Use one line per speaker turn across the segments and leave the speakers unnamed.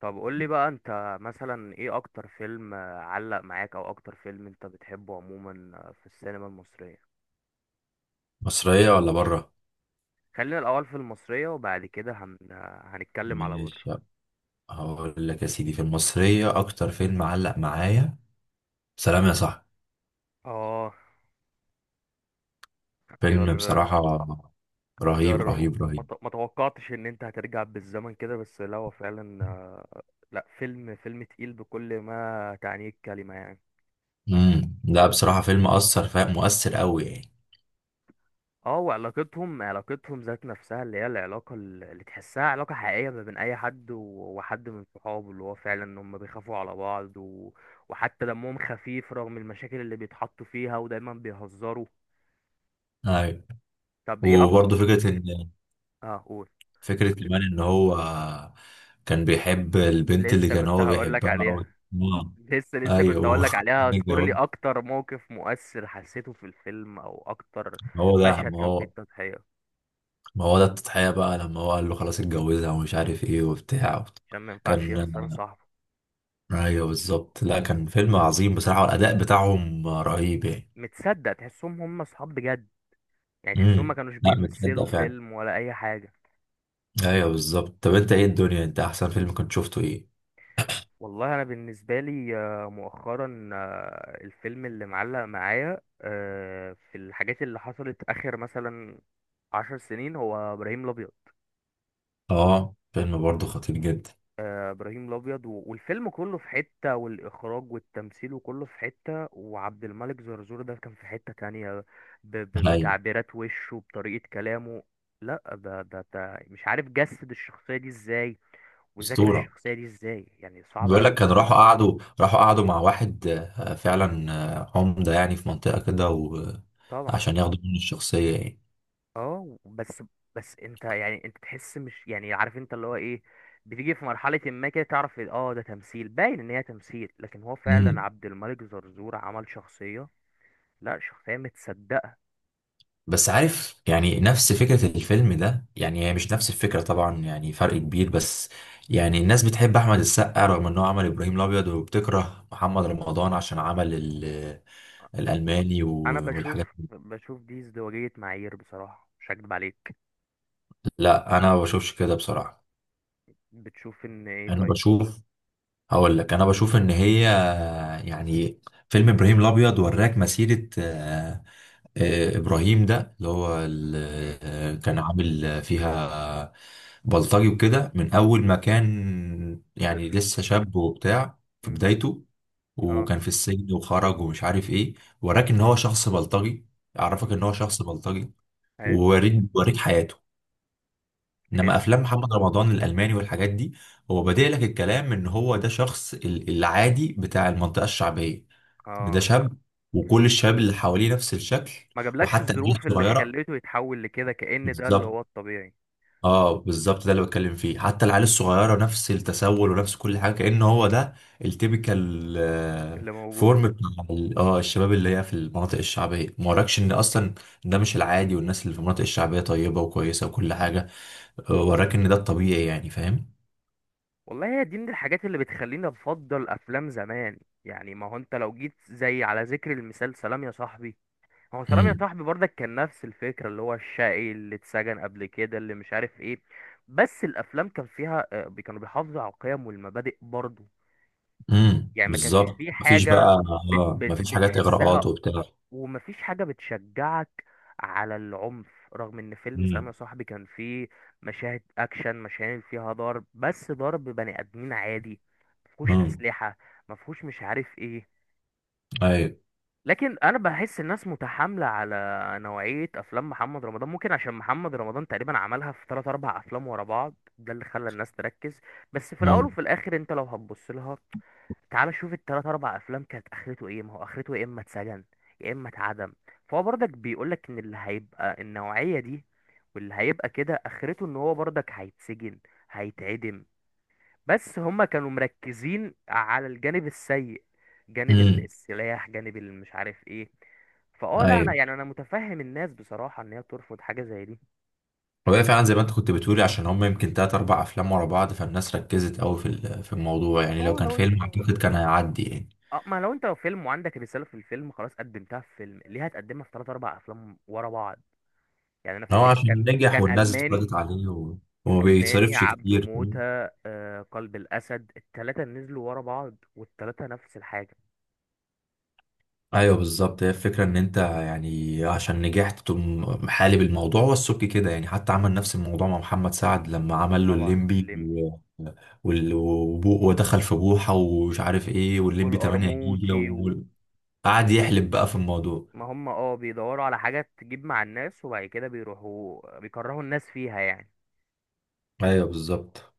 طب قول لي بقى انت مثلا ايه اكتر فيلم علق معاك او اكتر فيلم انت بتحبه عموما في السينما المصرية.
مصرية ولا بره؟
خلينا الاول في المصرية وبعد كده هن... آه، هنتكلم على بره.
مش هقول لك يا سيدي في المصرية أكتر فيلم معلق معايا سلام يا صاحبي.
اه، اختيار.
فيلم بصراحة رهيب
اختيار
رهيب رهيب.
ما توقعتش ان انت هترجع بالزمن كده، بس لا هو فعلا لا، فيلم تقيل بكل ما تعنيه الكلمة يعني.
لا بصراحة فيلم مؤثر قوي يعني.
اه، وعلاقتهم ذات نفسها اللي هي العلاقة اللي تحسها علاقة حقيقية ما بين أي حد وحد من صحابه، اللي هو فعلا إن هما بيخافوا على بعض وحتى دمهم خفيف رغم المشاكل اللي بيتحطوا فيها، ودايما بيهزروا.
أيوة.
طب ايه أكتر؟
وبرضه فكرة إن
اه قول.
فكرة كمان إن هو كان بيحب البنت اللي
لسه
كان
كنت
هو
هقولك
بيحبها و...
عليها.
آه.
لسه كنت
أيوه
هقولك عليها. اذكر
اتجوز.
لي أكتر موقف مؤثر حسيته في الفيلم، أو أكتر
ما هو ده
مشهد
ما
كان فيه
هو
التضحية
ما هو ده التضحية بقى لما هو قال له خلاص اتجوزها ومش عارف إيه وبتاع
عشان ما ينفعش
كان.
يخسر صاحبه.
ايوه بالظبط، لا كان فيلم عظيم بصراحه والاداء بتاعهم رهيب يعني.
متصدق تحسهم هما صحاب بجد، يعني تحسهم ما كانوش
لا متصدق
بيمثلوا
فعلا.
فيلم ولا اي حاجه.
ايوه بالظبط. طب انت ايه الدنيا، انت احسن فيلم كنت شفته ايه؟
والله انا بالنسبه لي مؤخرا الفيلم اللي معلق معايا في الحاجات اللي حصلت اخر مثلا عشر سنين هو ابراهيم الابيض.
اه فيلم برضه خطير جدا.
ابراهيم الابيض والفيلم كله في حته، والاخراج والتمثيل وكله في حته. وعبد الملك زرزور ده كان في حته تانية،
ايوه.
بتعبيرات وشه، بطريقه كلامه. لا ده مش عارف جسد الشخصيه دي ازاي، وذاكر
اسطوره.
الشخصيه دي ازاي يعني. صعبه
بيقول
قوي.
لك كانوا راحوا قعدوا راحوا قعدوا مع واحد. آه، فعلا. آه، عمده يعني في منطقه كده.
طبعا.
وعشان ياخدوا منه الشخصيه يعني.
اه بس. بس انت يعني، انت تحس، مش يعني عارف انت اللي هو ايه، بتيجي في مرحلة ما كده تعرف اه ده تمثيل، باين ان هي تمثيل، لكن هو فعلا
مم.
عبد الملك زرزور عمل شخصية. لا شخصية متصدقة.
بس عارف يعني نفس فكرة الفيلم ده، يعني هي مش نفس الفكرة طبعا، يعني فرق كبير، بس يعني الناس بتحب أحمد السقا رغم إنه عمل إبراهيم الأبيض، وبتكره محمد رمضان عشان عمل الألماني
انا بشوف
والحاجات دي.
بشوف دي ازدواجية معايير بصراحة، مش هكدب عليك.
لا أنا ما بشوفش كده بصراحة.
بتشوف ان ايه؟
أنا
طيب.
بشوف. هقول لك أنا بشوف إن هي يعني فيلم إبراهيم الأبيض وراك مسيرة. آه، ابراهيم ده اللي هو
امم.
آه، كان عامل فيها بلطجي وكده، من اول ما كان
طيب.
يعني لسه شاب وبتاع في
امم.
بدايته.
اه.
وكان في السجن وخرج ومش عارف ايه. وراك ان هو شخص بلطجي، عرفك
امم.
ان هو شخص بلطجي،
ايوه.
وريك حياته. انما
حلو.
افلام محمد رمضان الالماني والحاجات دي، هو بادئ لك الكلام ان هو ده شخص العادي بتاع المنطقه الشعبيه، ان ده
اه،
شاب وكل الشباب اللي حواليه نفس الشكل.
ما جابلكش
وحتى العيال
الظروف اللي
الصغيره.
خليته يتحول لكده، كأن ده اللي
بالظبط.
هو الطبيعي،
اه بالظبط، ده اللي بتكلم فيه، حتى العيال الصغيره نفس التسول ونفس كل حاجه، كأن هو ده التيبيكال
اللي موجود.
فورم بتاع الشباب اللي هي في المناطق الشعبيه، ما وراكش ان اصلا ده مش العادي والناس اللي في المناطق الشعبيه طيبه وكويسه وكل حاجه. آه، وراك ان ده الطبيعي يعني، فاهم.
والله هي دي من الحاجات اللي بتخليني افضل افلام زمان. يعني ما هو انت لو جيت، زي على ذكر المثال سلام يا صاحبي، هو سلام يا
امم.
صاحبي برضك كان نفس الفكرة، اللي هو الشقي اللي اتسجن قبل كده اللي مش عارف ايه. بس الافلام كان فيها كانوا بيحافظوا على القيم والمبادئ برضه. يعني ما كانش
بالظبط،
فيه
مفيش بقى.
حاجة بت
اه
بت
مفيش حاجات
بتحسها،
اغراءات وبتاع.
ومفيش حاجة بتشجعك على العنف، رغم ان فيلم سلام
امم.
يا صاحبي كان فيه مشاهد اكشن، مشاهد فيها ضرب، بس ضرب بني ادمين عادي، مفهوش
امم.
اسلحة، مفهوش مش عارف ايه.
ايوه.
لكن انا بحس الناس متحامله على نوعيه افلام محمد رمضان، ممكن عشان محمد رمضان تقريبا عملها في 3 4 افلام ورا بعض، ده اللي خلى الناس تركز. بس في الاول
ممكن.
وفي الاخر انت لو هتبص لها، تعال شوف التلات اربع افلام كانت اخرته ايه، ما هو اخرته يا اما اتسجن يا اما اتعدم. فهو برضك بيقولك ان اللي هيبقى النوعيه دي، واللي هيبقى كده اخرته، ان هو برضك هيتسجن هيتعدم. بس هما كانوا مركزين على الجانب السيء، جانب
امم.
السلاح، جانب مش عارف ايه. فاه، لا انا
ايوه،
يعني، انا متفهم الناس بصراحة ان هي ترفض حاجة زي دي.
وده فعلا زي ما انت كنت بتقولي، عشان هم يمكن تلات أربع أفلام ورا بعض، فالناس ركزت أوي في في الموضوع يعني. لو
اه
كان
لو
فيلم
انت،
أعتقد كان هيعدي يعني.
اه ما لو انت فيلم وعندك رسالة في الفيلم، خلاص قدمتها في فيلم، ليه هتقدمها في ثلاث اربع افلام ورا بعض؟ يعني انا
إن هو
فاكر
عشان
كان
نجح
كان
والناس اتفرجت
الماني،
عليه و... وما
الالماني،
بيتصرفش
عبده
كتير.
موتة، آه قلب الاسد، الثلاثة نزلوا ورا بعض والثلاثة نفس الحاجة.
أيوه بالظبط. هي الفكرة إن أنت يعني عشان نجحت تقوم محالب الموضوع والسك كده، يعني حتى عمل نفس الموضوع مع محمد سعد لما عمل له
طبعا
الليمبي
الليمبي
و... ودخل في بوحة ومش عارف إيه والليمبي 8 جيجا،
والقرموطي.
وقعد يحلب بقى في الموضوع.
ما هم اه بيدوروا على حاجة تجيب مع الناس، وبعد كده بيروحوا بيكرهوا الناس فيها يعني.
أيوه بالظبط.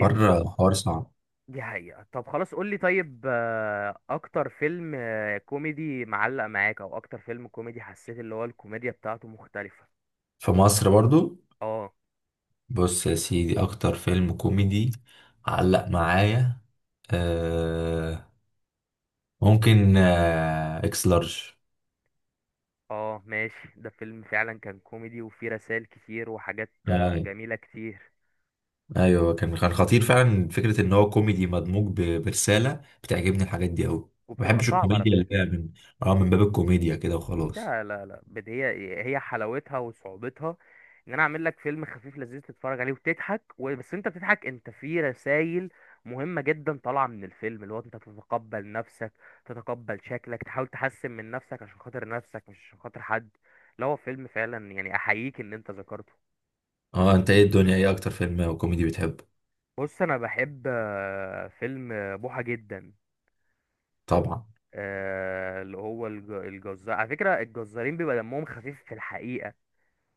حوار صعب.
دي حقيقة. طب خلاص قولي، طيب أكتر فيلم كوميدي معلق معاك، أو أكتر فيلم كوميدي حسيت اللي هو الكوميديا بتاعته مختلفة.
في مصر برضو.
اه.
بص يا سيدي اكتر فيلم كوميدي علق معايا آه ممكن آه اكس لارج.
اه ماشي، ده فيلم فعلا كان كوميدي، وفيه رسائل كتير وحاجات
آه
جميلة كتير.
ايوه كان كان خطير فعلا، فكره ان هو كوميدي مدموج برساله، بتعجبني الحاجات دي قوي. ما
وبتبقى
بحبش
صعبة على
الكوميديا اللي
فكرة.
هي من اه من باب الكوميديا كده وخلاص.
لا لا لا، هي حلاوتها وصعوبتها، ان انا اعمل لك فيلم خفيف لذيذ تتفرج عليه وتضحك بس انت بتضحك، انت في رسائل مهمة جدا طالعة من الفيلم، اللي هو انت تتقبل نفسك، تتقبل شكلك، تحاول تحسن من نفسك عشان خاطر نفسك، مش عشان خاطر حد. لا هو فيلم فعلا يعني، احييك ان انت ذكرته.
اه انت ايه الدنيا، ايه اكتر فيلم كوميدي بتحبه؟
بص انا بحب فيلم بوحة جدا،
طبعا.
اللي هو الجزار. على فكرة الجزارين بيبقى دمهم خفيف في الحقيقة،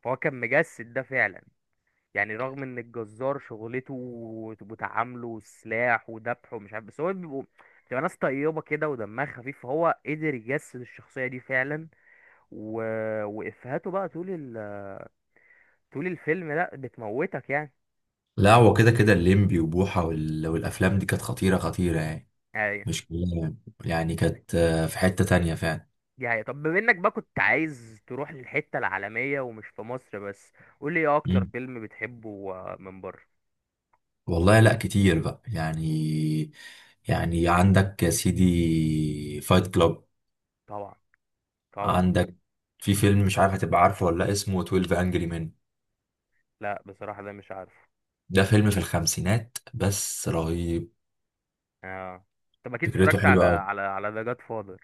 فهو كان مجسد ده فعلا. يعني رغم ان الجزار شغلته وتعامله والسلاح وذبحه ومش عارف، بس هو بيبقوا، بتبقى ناس طيبة كده ودمها خفيف، فهو قدر يجسد الشخصية دي فعلا. و... وإفهاته بقى طول الفيلم لا بتموتك يعني.
لا هو كده كده الليمبي وبوحه وال... والافلام دي كانت خطيره خطيره يعني،
ايوه.
مش كلها يعني. يعني كانت آه، في حته تانية فعلا.
دي حقيقة. طب بما انك بقى كنت عايز تروح للحتة العالمية ومش في مصر بس، قول لي ايه اكتر
مم.
فيلم بتحبه من بره؟
والله لا كتير بقى يعني. يعني عندك يا سيدي فايت كلاب.
طبعا. طبعا.
عندك في فيلم مش عارف هتبقى عارفه ولا لأ، اسمه 12 انجري مان.
لا بصراحة ده مش عارفه.
ده فيلم في الخمسينات بس رهيب.
اه طب اكيد
فكرته
اتفرجت
حلوه
على
قوي.
على على ذا جاد فاذر.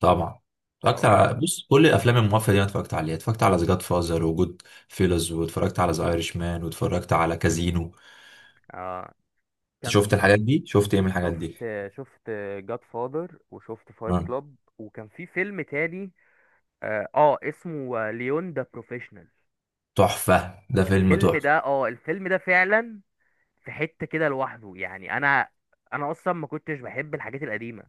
طبعا. اتفرجت
طبعا.
على، بص كل الافلام المافيا دي انا اتفرجت عليها. اتفرجت على ذا فازر، وجود فيلز، واتفرجت على ذا ايرش مان، واتفرجت على كازينو.
اه
انت
كان
شفت
في.
الحاجات دي، شفت ايه من الحاجات دي؟
شفت شفت جاد فاذر، وشفت فايت
آه.
كلاب، وكان في فيلم تاني اه، اسمه ليون ذا بروفيشنال.
تحفه، ده فيلم
الفيلم
تحفه.
ده، اه الفيلم ده فعلا، في حتة كده لوحده يعني. انا، انا اصلا ما كنتش بحب الحاجات القديمة،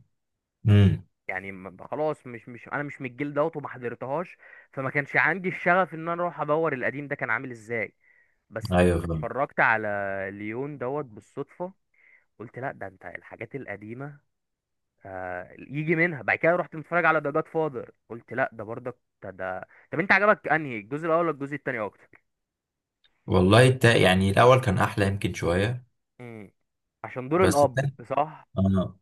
امم.
يعني خلاص، مش انا مش من الجيل دوت وما حضرتهاش، فما كانش عندي الشغف ان انا اروح ادور القديم ده كان عامل ازاي. بس
ايوه، فاهم.
اتفرجت على ليون دوت بالصدفة، قلت لا ده انت الحاجات القديمة يجي منها. بعد كده رحت متفرج على ذا جاد فاذر قلت لا ده برضك. ده طب انت عجبك انهي الجزء الاول ولا الجزء التاني اكتر؟
والله التا... يعني الأول كان أحلى يمكن شوية،
امم، عشان دور
بس
الاب،
التاني.
صح.
آه.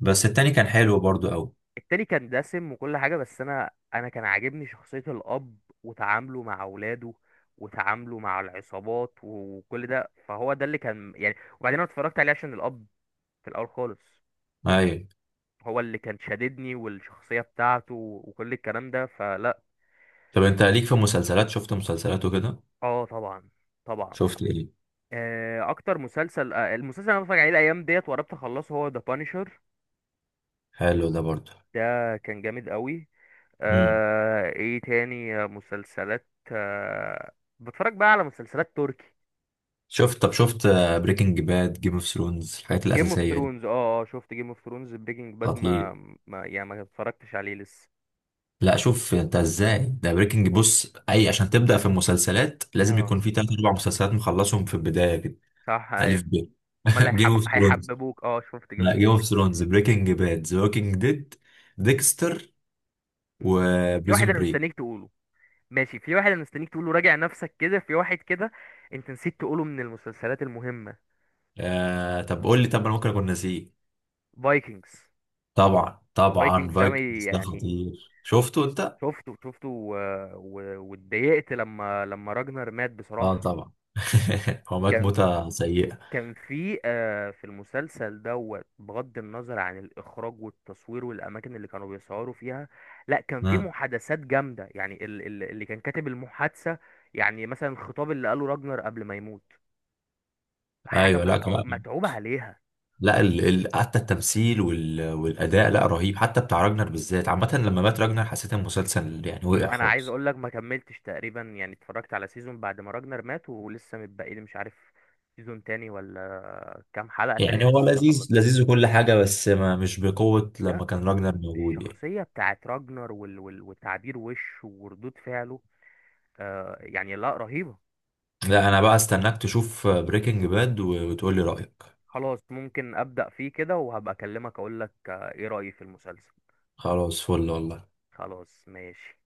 بس التاني كان حلو برضو أوي.
التاني كان دسم وكل حاجه، بس انا، انا كان عاجبني شخصيه الاب، وتعامله مع اولاده، وتعامله مع العصابات وكل ده، فهو ده اللي كان يعني. وبعدين انا اتفرجت عليه عشان الاب في الاول خالص،
أيوة.
هو اللي كان شاددني، والشخصيه بتاعته وكل الكلام ده فلا.
طب أنت ليك في مسلسلات؟ شفت مسلسلات وكده؟
اه طبعا. طبعا.
شفت إيه؟
اكتر مسلسل المسلسل اللي انا بتفرج عليه الايام ديت، وقربت اخلصه، هو ذا بانشر.
حلو ده برضو.
ده كان جامد قوي.
امم.
ايه تاني مسلسلات بتفرج بقى على مسلسلات تركي.
شفت بريكنج باد، جيم اوف ثرونز، الحاجات
جيم اوف
الأساسية دي.
ثرونز، اه اه شفت جيم اوف ثرونز. بريكنج باد
خطير.
ما يعني ما اتفرجتش عليه لسه.
لا شوف أنت إزاي، ده بريكنج، بص أي عشان تبدأ في المسلسلات لازم
اه
يكون في تلات أربع مسلسلات مخلصهم في البداية كده.
صح
ألف
ايوه.
ب.
هما اللي
جيم اوف ثرونز.
هيحببوك. اه شفت جيم
لا
اوف
جيم
ثرونز.
اوف ثرونز، بريكنج باد، ذا ووكينج ديد، ديكستر،
في واحد
وبريزون
انا
بريك.
مستنيك تقوله. ماشي، في واحد انا مستنيك تقوله، راجع نفسك كده، في واحد كده انت نسيت تقوله من المسلسلات المهمة:
آه طب قول لي، طب انا ممكن اكون ناسيه.
فايكنجز.
طبعا طبعا،
فايكنجز ده ما ي-
فايكنجز ده
يعني
خطير، شفته انت؟
شفته واتضايقت لما راجنر مات
اه
بصراحة.
طبعا هو مات
كان،
موتة سيئة.
كان في المسلسل دوت، بغض النظر عن الإخراج والتصوير والأماكن اللي كانوا بيصوروا فيها، لا كان في
آه.
محادثات جامدة يعني، اللي كان كاتب المحادثة، يعني مثلا الخطاب اللي قاله راجنر قبل ما يموت، حاجة
ايوه. لا كمان،
متعوب عليها.
لا ال... ال... حتى التمثيل وال... والاداء، لا رهيب، حتى بتاع راجنر بالذات. عامة لما مات راجنر حسيت المسلسل يعني وقع
أنا عايز
خالص.
أقول لك ما كملتش تقريبا، يعني اتفرجت على سيزون بعد ما راجنر مات ولسه متبقي لي مش عارف سيزون تاني ولا كام حلقة تاني
يعني هو
لسه ما
لذيذ لذيذ
خلصتوش.
وكل حاجة بس ما مش بقوة
لا
لما كان راجنر موجود يعني.
الشخصية بتاعت راجنر وتعبير وشه وردود فعله، آه يعني لا رهيبة.
لا انا بقى استناك تشوف بريكنج باد وتقول لي رأيك.
خلاص ممكن أبدأ فيه كده، وهبقى أكلمك أقولك آه إيه رأيي في المسلسل.
خلاص فل والله.
خلاص ماشي.